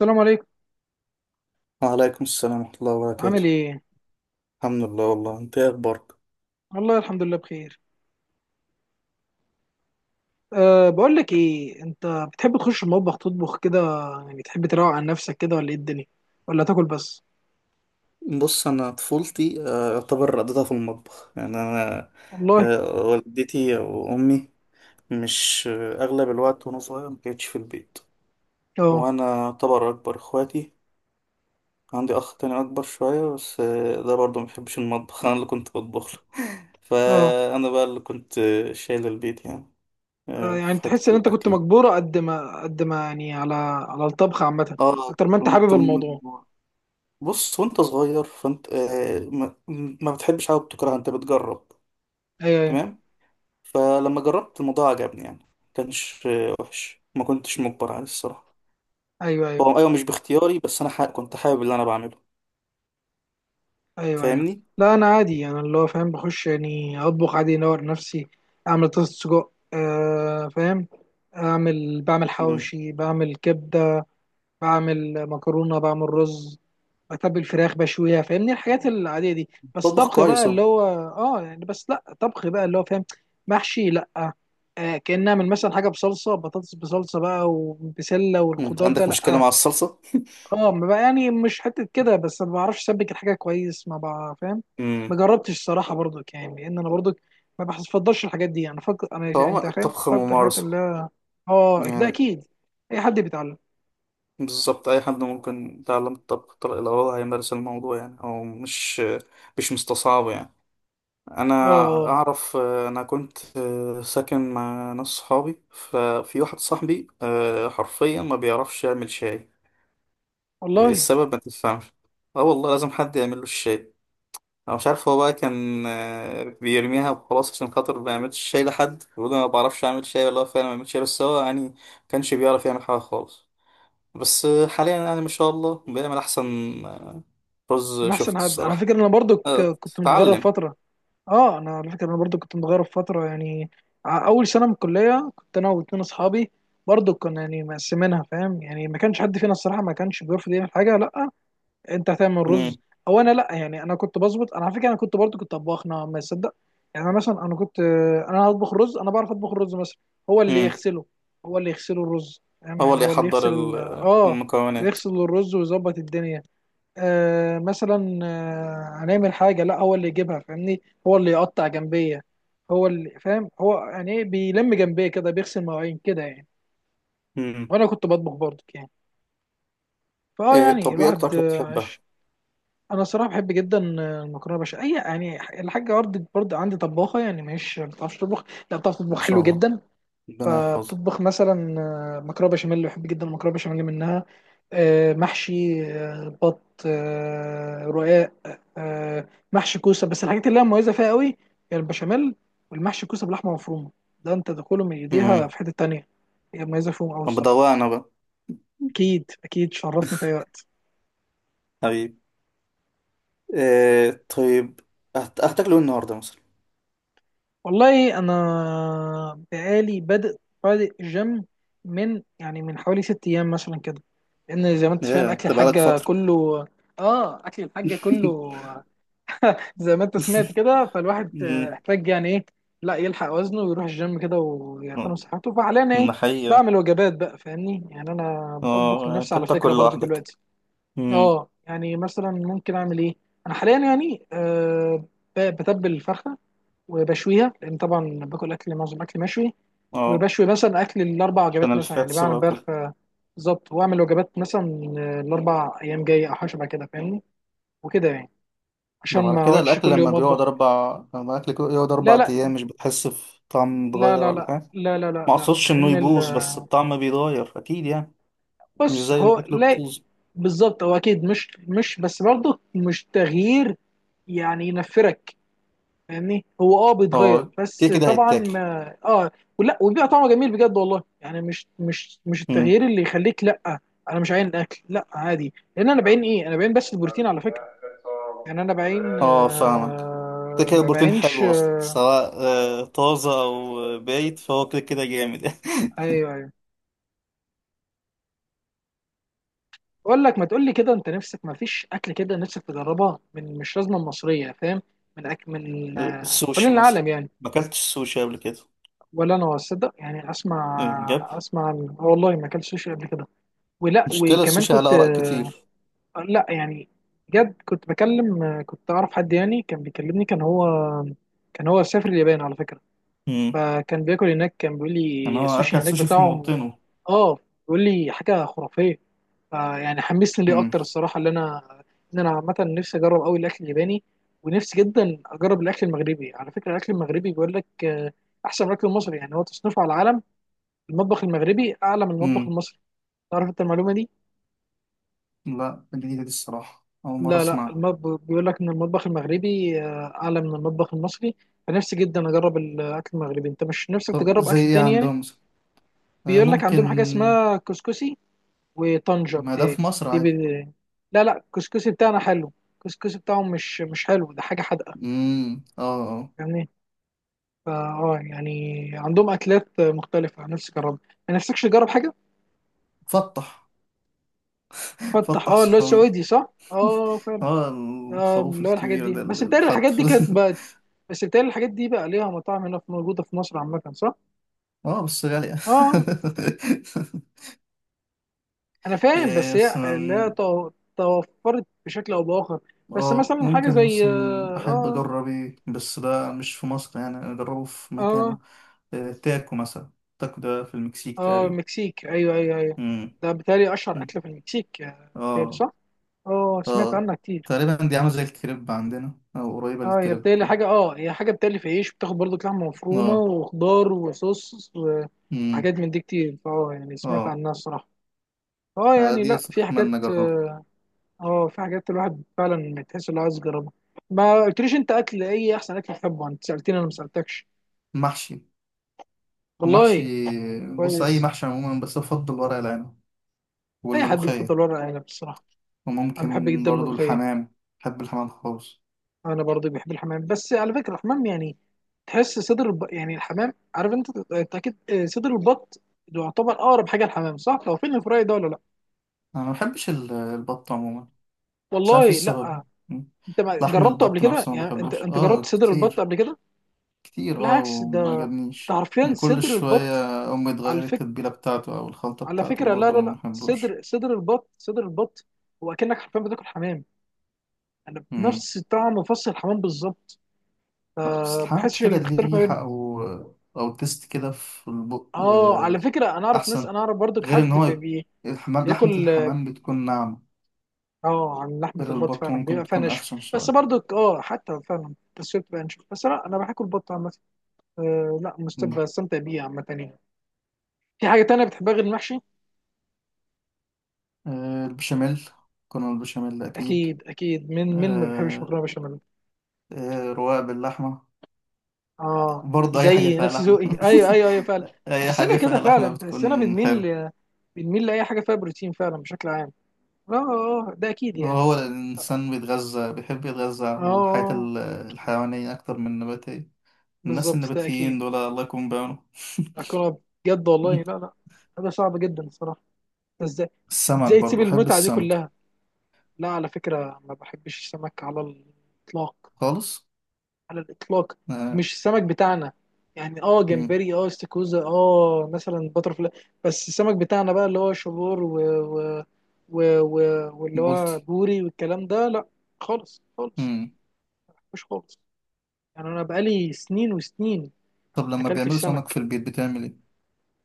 السلام عليكم. وعليكم السلام ورحمة الله وبركاته. عامل ايه؟ الحمد لله. والله انت ايه اخبارك؟ والله الحمد لله بخير. أه بقول لك ايه انت، بتحب تخش المطبخ تطبخ كده؟ يعني تحب تروق عن نفسك كده ولا ايه الدنيا؟ ولا تاكل بس؟ بص، انا طفولتي يعتبر قضيتها في المطبخ، يعني انا والله. والدتي وامي مش اغلب الوقت وانا صغير ما كانتش في البيت. اه. وانا يعتبر اكبر اخواتي. عندي اخ تاني اكبر شوية بس ده برضه ما بيحبش المطبخ. انا اللي كنت بطبخ له. اه. فانا بقى اللي كنت شايل البيت، يعني يعني في تحس حتة ان انت كنت الاكل دي. مجبوره قد ما قد ما يعني على الطبخ عامه، اه، اكتر ما انت حابب كنت الموضوع. مجبور. بص، وانت صغير فانت ما بتحبش حاجه بتكرهها، انت بتجرب. ايوه تمام. فلما جربت الموضوع عجبني، يعني ما كانش وحش، ما كنتش مجبر عليه الصراحه. ايوه ايوه هو ايوه مش باختياري، بس انا حق كنت حابب اللي انا بعمله. ايوه ايوه, أيوة. فاهمني. لا انا عادي، انا اللي هو فاهم بخش يعني اطبخ عادي انور نفسي. اعمل طاسه سجق، أه فاهم. بعمل امم. حواوشي، بعمل كبده، بعمل مكرونه، بعمل رز، بتبل فراخ بشويها، فاهمني، الحاجات العاديه دي. بس بطبخ طبخ بقى كويس اهو. اللي هو... اه يعني بس لا، طبخ بقى اللي هو فاهم، محشي، لا. كأن اعمل مثلا حاجه بصلصه، بطاطس بصلصه بقى وبسله انت والخضار ده، عندك مشكله لا. مع الصلصه؟ اه ما بقى يعني مش حته كده، بس ما بعرفش اسبك الحاجه كويس، ما بقى فاهم. ما امم. جربتش الصراحه برضك يعني، لان انا برضك ما بفضلش الحاجات دي، انا فكر انا يعني فهو انت فاهم الطبخ بفضل الحاجات ممارسه اللي... اه ده يعني. اكيد. اي حد بيتعلم. بالظبط، اي حد ممكن يتعلم الطبخ لو هو هيمارس الموضوع، يعني او مش مستصعب يعني. انا اه. آه، اعرف، انا كنت ساكن مع ناس صحابي، ففي واحد صاحبي حرفيا ما بيعرفش يعمل شاي. والله السبب ما تفهمش. اه والله، لازم حد يعمل له الشاي. انا مش عارف، هو بقى كان بيرميها وخلاص عشان خاطر ما يعملش شاي لحد بيقول انا ما بعرفش اعمل شاي، ولا هو فعلا ما بيعملش شاي، بس هو يعني ما كانش بيعرف يعمل حاجه خالص. بس حاليا يعني ما شاء الله بيعمل احسن آه، رز، من احسن شفته حد على الصراحه. فكره. انا برضو آه، كنت متغرب اتعلم. فتره. اه انا على فكره، انا برضو كنت متغرب فتره يعني. اول سنه من الكليه كنت انا واتنين اصحابي، برضو كنا يعني مقسمينها، فاهم يعني، ما كانش حد فينا الصراحه ما كانش بيرفض يعمل حاجه لا. انت هتعمل رز مم. او انا لا، يعني انا كنت بظبط. انا على فكره انا كنت طباخ نوعا ما، تصدق؟ يعني انا مثلا كنت، انا هطبخ رز، انا بعرف اطبخ الرز مثلا. هو اللي مم. يغسله، هو اللي يغسله الرز، فاهم هو يعني، اللي هو اللي يحضر يغسل المكونات. يغسل الرز ويظبط الدنيا. مثلا هنعمل حاجة، لا، هو اللي يجيبها، فاهمني، هو اللي يقطع جنبية، هو اللي فاهم، هو يعني ايه بيلم جنبية كده، بيغسل مواعين كده يعني. امم. وانا كنت بطبخ برضه يعني. فاه يعني طب ايه اكتر الواحد اكله بتحبها؟ انا صراحة بحب جدا المكرونة بشاميل. اي يعني الحاجة برضه عندي طباخة، يعني مش ما بتعرفش تطبخ، لا بتعرف تطبخ ما شاء حلو الله. جدا. ربنا يحفظها. فبتطبخ مثلا مكرونه بشاميل، بحب جدا المكرونه بشاميل منها، محشي، بط، رقاق، محشي كوسه. بس الحاجات اللي هي مميزه فيها قوي هي البشاميل والمحشي كوسه بلحمه مفرومه. ده انت دخوله من ايديها امم. في حته تانية. هي مميزه فيهم قوي طب الصراحه. بدوقنا انا بقى. اكيد اكيد شرفنا في اي وقت. حبيبي. إيه طيب، هتاكله إيه النهارده مثلا؟ والله انا بقالي بادئ، بادئ جيم، من يعني حوالي ست ايام مثلا كده. لان زي ما انت فاهم ايه اكل انت بقالك الحاجه فتره؟ كله. اه اكل الحاجه كله. زي ما انت سمعت كده، فالواحد امم. احتاج يعني ايه لا يلحق وزنه ويروح الجيم كده ويعتني بصحته. فحاليا انا ايه، ده حقيقة. بعمل وجبات بقى فاهمني. يعني انا بطبخ اه، لنفسي انت على فكره بتاكل برضو لوحدك؟ دلوقتي. امم. اه يعني مثلا ممكن اعمل ايه، انا حاليا يعني بتبل الفرخه وبشويها، لان طبعا باكل اكل، معظم اكل مشوي. اه، وبشوي مثلا اكل الاربع عشان وجبات مثلا يعني، الفاتس بعمل بقى امبارح وكده. بالظبط، واعمل وجبات مثلا الاربع ايام جايه او حاجه شبه كده فاهمني وكده يعني، طب عشان على ما كده اقعدش الاكل كل لما يوم بيقعد اطبخ. اربع، لما الاكل كده يقعد لا اربع لا ايام مش بتحس في طعم لا اتغير لا ولا لا حاجه؟ لا لا لا ما لا، اقصدش انه لان ال... يبوظ، بس الطعم بيتغير اكيد يعني، مش بص زي هو الاكل لا، الطازج. بالظبط هو اكيد مش بس برضه مش تغيير يعني ينفرك. فاهمني هو بيتغير اه، كده بس كده طبعا هيتاكل. ما اه. ولا وبيبقى طعمه جميل بجد والله. يعني مش امم. التغيير اللي يخليك لا. انا مش عاين الاكل لا عادي، لان انا بعين بس البروتين على فكره. يعني انا بعين اه فاهمك، كده كده ما البروتين بعينش. حلو اصلا، سواء طازه او بايت فهو كده كده جامد. ايوه ايوه. اقول لك ما تقول لي كده، انت نفسك ما فيش اكل كده نفسك تجربها، من مش لازمه مصريه فاهم، من أكل من حوالين السوشي مثلا. العالم يعني. ما اكلتش السوشي قبل كده. ولا انا اصدق يعني، بجد؟ اسمع آه والله ما اكلتش سوشي قبل كده. ولا مشكله وكمان السوشي على كنت اراء كتير. لا يعني بجد، كنت بكلم كنت اعرف حد يعني كان بيكلمني، كان هو سافر اليابان على فكره. امم. فكان بياكل هناك، كان بيقول يعني لي هو السوشي اكل هناك سوشي في بتاعهم موطنه. اه، بيقول لي حاجه خرافيه. فيعني حمسني ليه امم. اكتر الصراحه اللي انا، ان انا عامه نفسي اجرب قوي الاكل الياباني. ونفسي جدا اجرب الاكل المغربي على فكره. الاكل المغربي بيقول لك احسن من الاكل المصري. يعني هو تصنيفه على العالم، المطبخ المغربي اعلى من المطبخ امم. المصري. تعرف انت المعلومه دي؟ لا، جديده دي الصراحه، اول مره لا لا، اسمعها. المطبخ بيقول لك ان المطبخ المغربي اعلى من المطبخ المصري. فنفسي جدا اجرب الاكل المغربي. انت مش نفسك طب تجرب زي اكل ايه تاني يعني؟ عندهم مثلا؟ بيقول لك عندهم حاجه ممكن. اسمها كسكسي وطنجة. ما ده في بتهيألي مصر دي بي... عادي. لا لا، الكسكسي بتاعنا حلو، الكسكسي بتاعهم مش حلو، ده حاجه حادقه امم. اه. آه. يعني. فا اه يعني عندهم اكلات مختلفه نفسي اجربها. ما نفسكش تجرب حاجه؟ فتح. فتح، فتح اه اللي هو سعودي. السعودي، صح؟ اه. اه، الخروف اللي هو الحاجات الكبير دي، ده اللي اتحط في. بس بتهيألي الحاجات دي بقى ليها مطاعم هنا موجودة في مصر عامة، صح؟ اه بس غالية. اه انا فاهم، إيه بس هي اللي هي مثلا؟ توفرت بشكل او باخر. بس اه، مثلا حاجة ممكن زي مثلا أحب اه أجرب، إيه بس ده مش في مصر، يعني أنا أجربه في مكانه. اه إيه، تاكو مثلا. تاكو ده في المكسيك اه تقريبا. المكسيك، ايوه ايوه ايوه. مم. ده بتهيألي اشهر مم. اكلة في المكسيك بتهيألي اه صح؟ اه سمعت اه. عنها كتير. تقريبا دي عاملة زي الكريب عندنا أو قريبة اه هي للكريب بتهيألي كده. حاجة اه هي حاجة بتهيألي في عيش، بتاخد برضو لحمة مفرومة اه. وخضار وصوص مم. وحاجات من دي كتير. فاه يعني سمعت اه، عنها الصراحة. اه يعني دي لا صراحة في حاجات أتمنى أجربها. اه. في حاجات الواحد فعلا تحس انه عايز يجربها. ما قلتليش انت اكل ايه، احسن اكل بتحبه، انت سالتني انا ما سالتكش. محشي. محشي. والله بص، أي كويس. محشي عموما، بس أفضل ورق العنب اي حد والملوخية، بيفضل ورق عنب الصراحه. انا بحب وممكن جدا برضو الملوخيه. الحمام. بحب الحمام خالص. انا برضه بحب الحمام، بس على فكره الحمام يعني، تحس صدر الب... يعني الحمام، عارف انت، انت اكيد صدر البط ده يعتبر اقرب حاجه الحمام، صح لو فين الفراي ده ولا لا؟ أنا ما بحبش البط عموما. مش عارف إيه والله السبب. لا. م. انت ما لحم جربته قبل البط كده نفسه ما يعني، بحبوش انت جربت صدر البط كتير، قبل كده؟ كتير، بالعكس وما ده عجبنيش حرفيا من كل صدر البط. شوية. أمي على تغير فكرة، التتبيلة بتاعته أو الخلطة على بتاعته فكرة، لا وبرضو لا ما لا، بحبوش. صدر صدر البط، صدر البط. هو أكنك حرفيا بتاكل حمام، أنا م. بنفس طعم وفص الحمام بالظبط. لا، بس أه الحمام بحسش كده اللي ليه بيختلف ما بينهم. ريحة أو تيست كده في البق اه على فكرة، أحسن. أنا أعرف برضك غير إن حد هو بي الحمام، لحمة بياكل. الحمام بتكون ناعمة، اه عن لحمة غير البط البط فعلا ممكن بيبقى فيها تكون نشف. أخشن بس شوية. برضك اه حتى فعلا، بس هي بتبقى نشف بس لا، أنا بحب البط عامة. أه لا، بستمتع بيه عامة يعني. في حاجة تانية بتحبها غير المحشي؟ البشاميل. كنا البشاميل أكيد. أكيد أكيد، مين ما بيحبش آه، مكرونة بشاميل. رواق باللحمة. اه برضه أي حاجة زي فيها نفس لحمة. ذوقي، ايوه ايوه ايوه فعلا. أي حاجة تحسنا كده فيها لحمة فعلا تحسنا بتكون حلوة. بنميل لاي حاجه فيها بروتين فعلا بشكل عام. اه اه ده اكيد يعني. وهو الإنسان بيتغذى، بيحب يتغذى اه على الحياة اكيد. الحيوانية أكتر من النباتية. الناس بالظبط ده اكيد. النباتيين دول الله يكون بعونهم. اكون بجد، والله لا لا، هذا صعب جدا الصراحه. ده ازاي، السمك ازاي تسيب برضه، بحب المتعه دي السمك. كلها؟ لا على فكره ما بحبش السمك على الاطلاق، خالص على الاطلاق. آه، مش السمك بتاعنا، يعني مم، جمبري، استاكوزا، مثلا باترفلاي. بس السمك بتاعنا بقى اللي هو شبور و... و... و... و... واللي هو بولتي. بوري والكلام ده لا. خالص خالص، مم. مش خالص، يعني انا بقالي سنين وسنين طب ما لما بيعملوا اكلتش سمك في سمك. البيت بتعمل إيه؟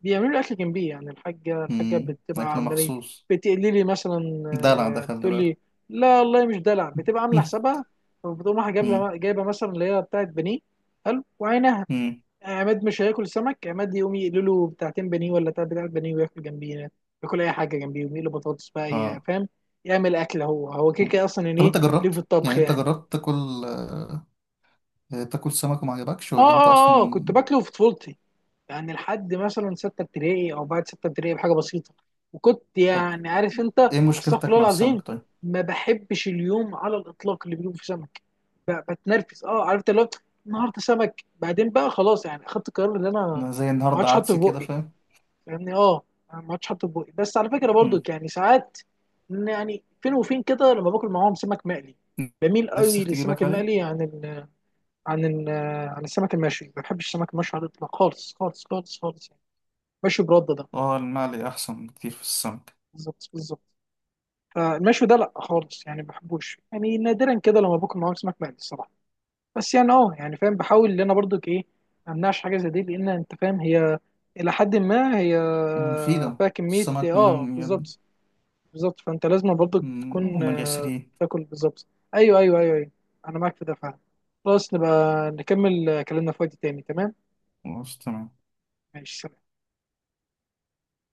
بيعملوا لي اكل جنبي، يعني الحاجه مم، بتبقى أكل عامله لي. مخصوص. بتقلي لي مثلا دلع ده خلي بتقول بالك. لي. لا والله مش دلع، بتبقى عامله حسابها. وبتقوم رايحه مم. جايبه مثلا اللي هي بتاعت بانيه حلو وعينها. مم. عماد مش هياكل سمك، عماد يقوم يقلوا له بتاعتين بانيه ولا تلات بتاعت بانيه وياكل جنبيه، ياكل اي حاجه جنبيه، ويقلوا بطاطس بقى اه. فاهم، يعمل اكل هو، هو كده مم. كده اصلا يعني طب ايه. انت ليه في جربت، يعني الطبخ انت يعني؟ جربت تاكل، سمك وما عجبكش، اه ولا انت اه اه اصلا؟ كنت باكله في طفولتي، يعني لحد مثلا سته ابتدائي او بعد سته ابتدائي بحاجه بسيطه. وكنت طب يعني عارف انت ايه استغفر مشكلتك الله مع العظيم، السمك طيب؟ ما بحبش اليوم على الاطلاق اللي بيجيبوا فيه سمك. بتنرفز، اه عرفت اللي هو النهارده سمك، بعدين بقى خلاص يعني، اخدت القرار ان انا ما انا زي النهارده عادش حاطه عدس في كده بقي. فاهم. يعني اه أنا ما عادش حاطط بوقي، بس على فكره برضو مم. يعني ساعات، إن يعني فين وفين كده لما باكل معاهم سمك مقلي، بميل قوي نفسك للسمك تجيبك عليه. المقلي عن ال عن السمك المشوي. ما بحبش السمك المشوي على الاطلاق، خالص خالص خالص خالص يعني، مشوي برده ده. اه، المقلي احسن بكتير في السمك. بالظبط بالظبط. فالمشوي ده لا خالص يعني ما بحبوش، يعني نادرا كده لما باكل معاهم سمك مقلي الصراحه. بس يعني يعني فاهم بحاول ان انا برضو ايه، ما امنعش حاجه زي دي، لان انت فاهم هي الى حد ما هي مفيدة. فيها كميه السمك مهم يد. بالظبط. بالظبط، فانت لازم برضه مم، هو تكون من يسريه. تاكل بالظبط. ايوه ايوه ايوه ايوه، انا معاك في ده فعلا. خلاص، نبقى نكمل كلامنا في وقت تاني، تمام. خلاص تمام. ماشي، سلام.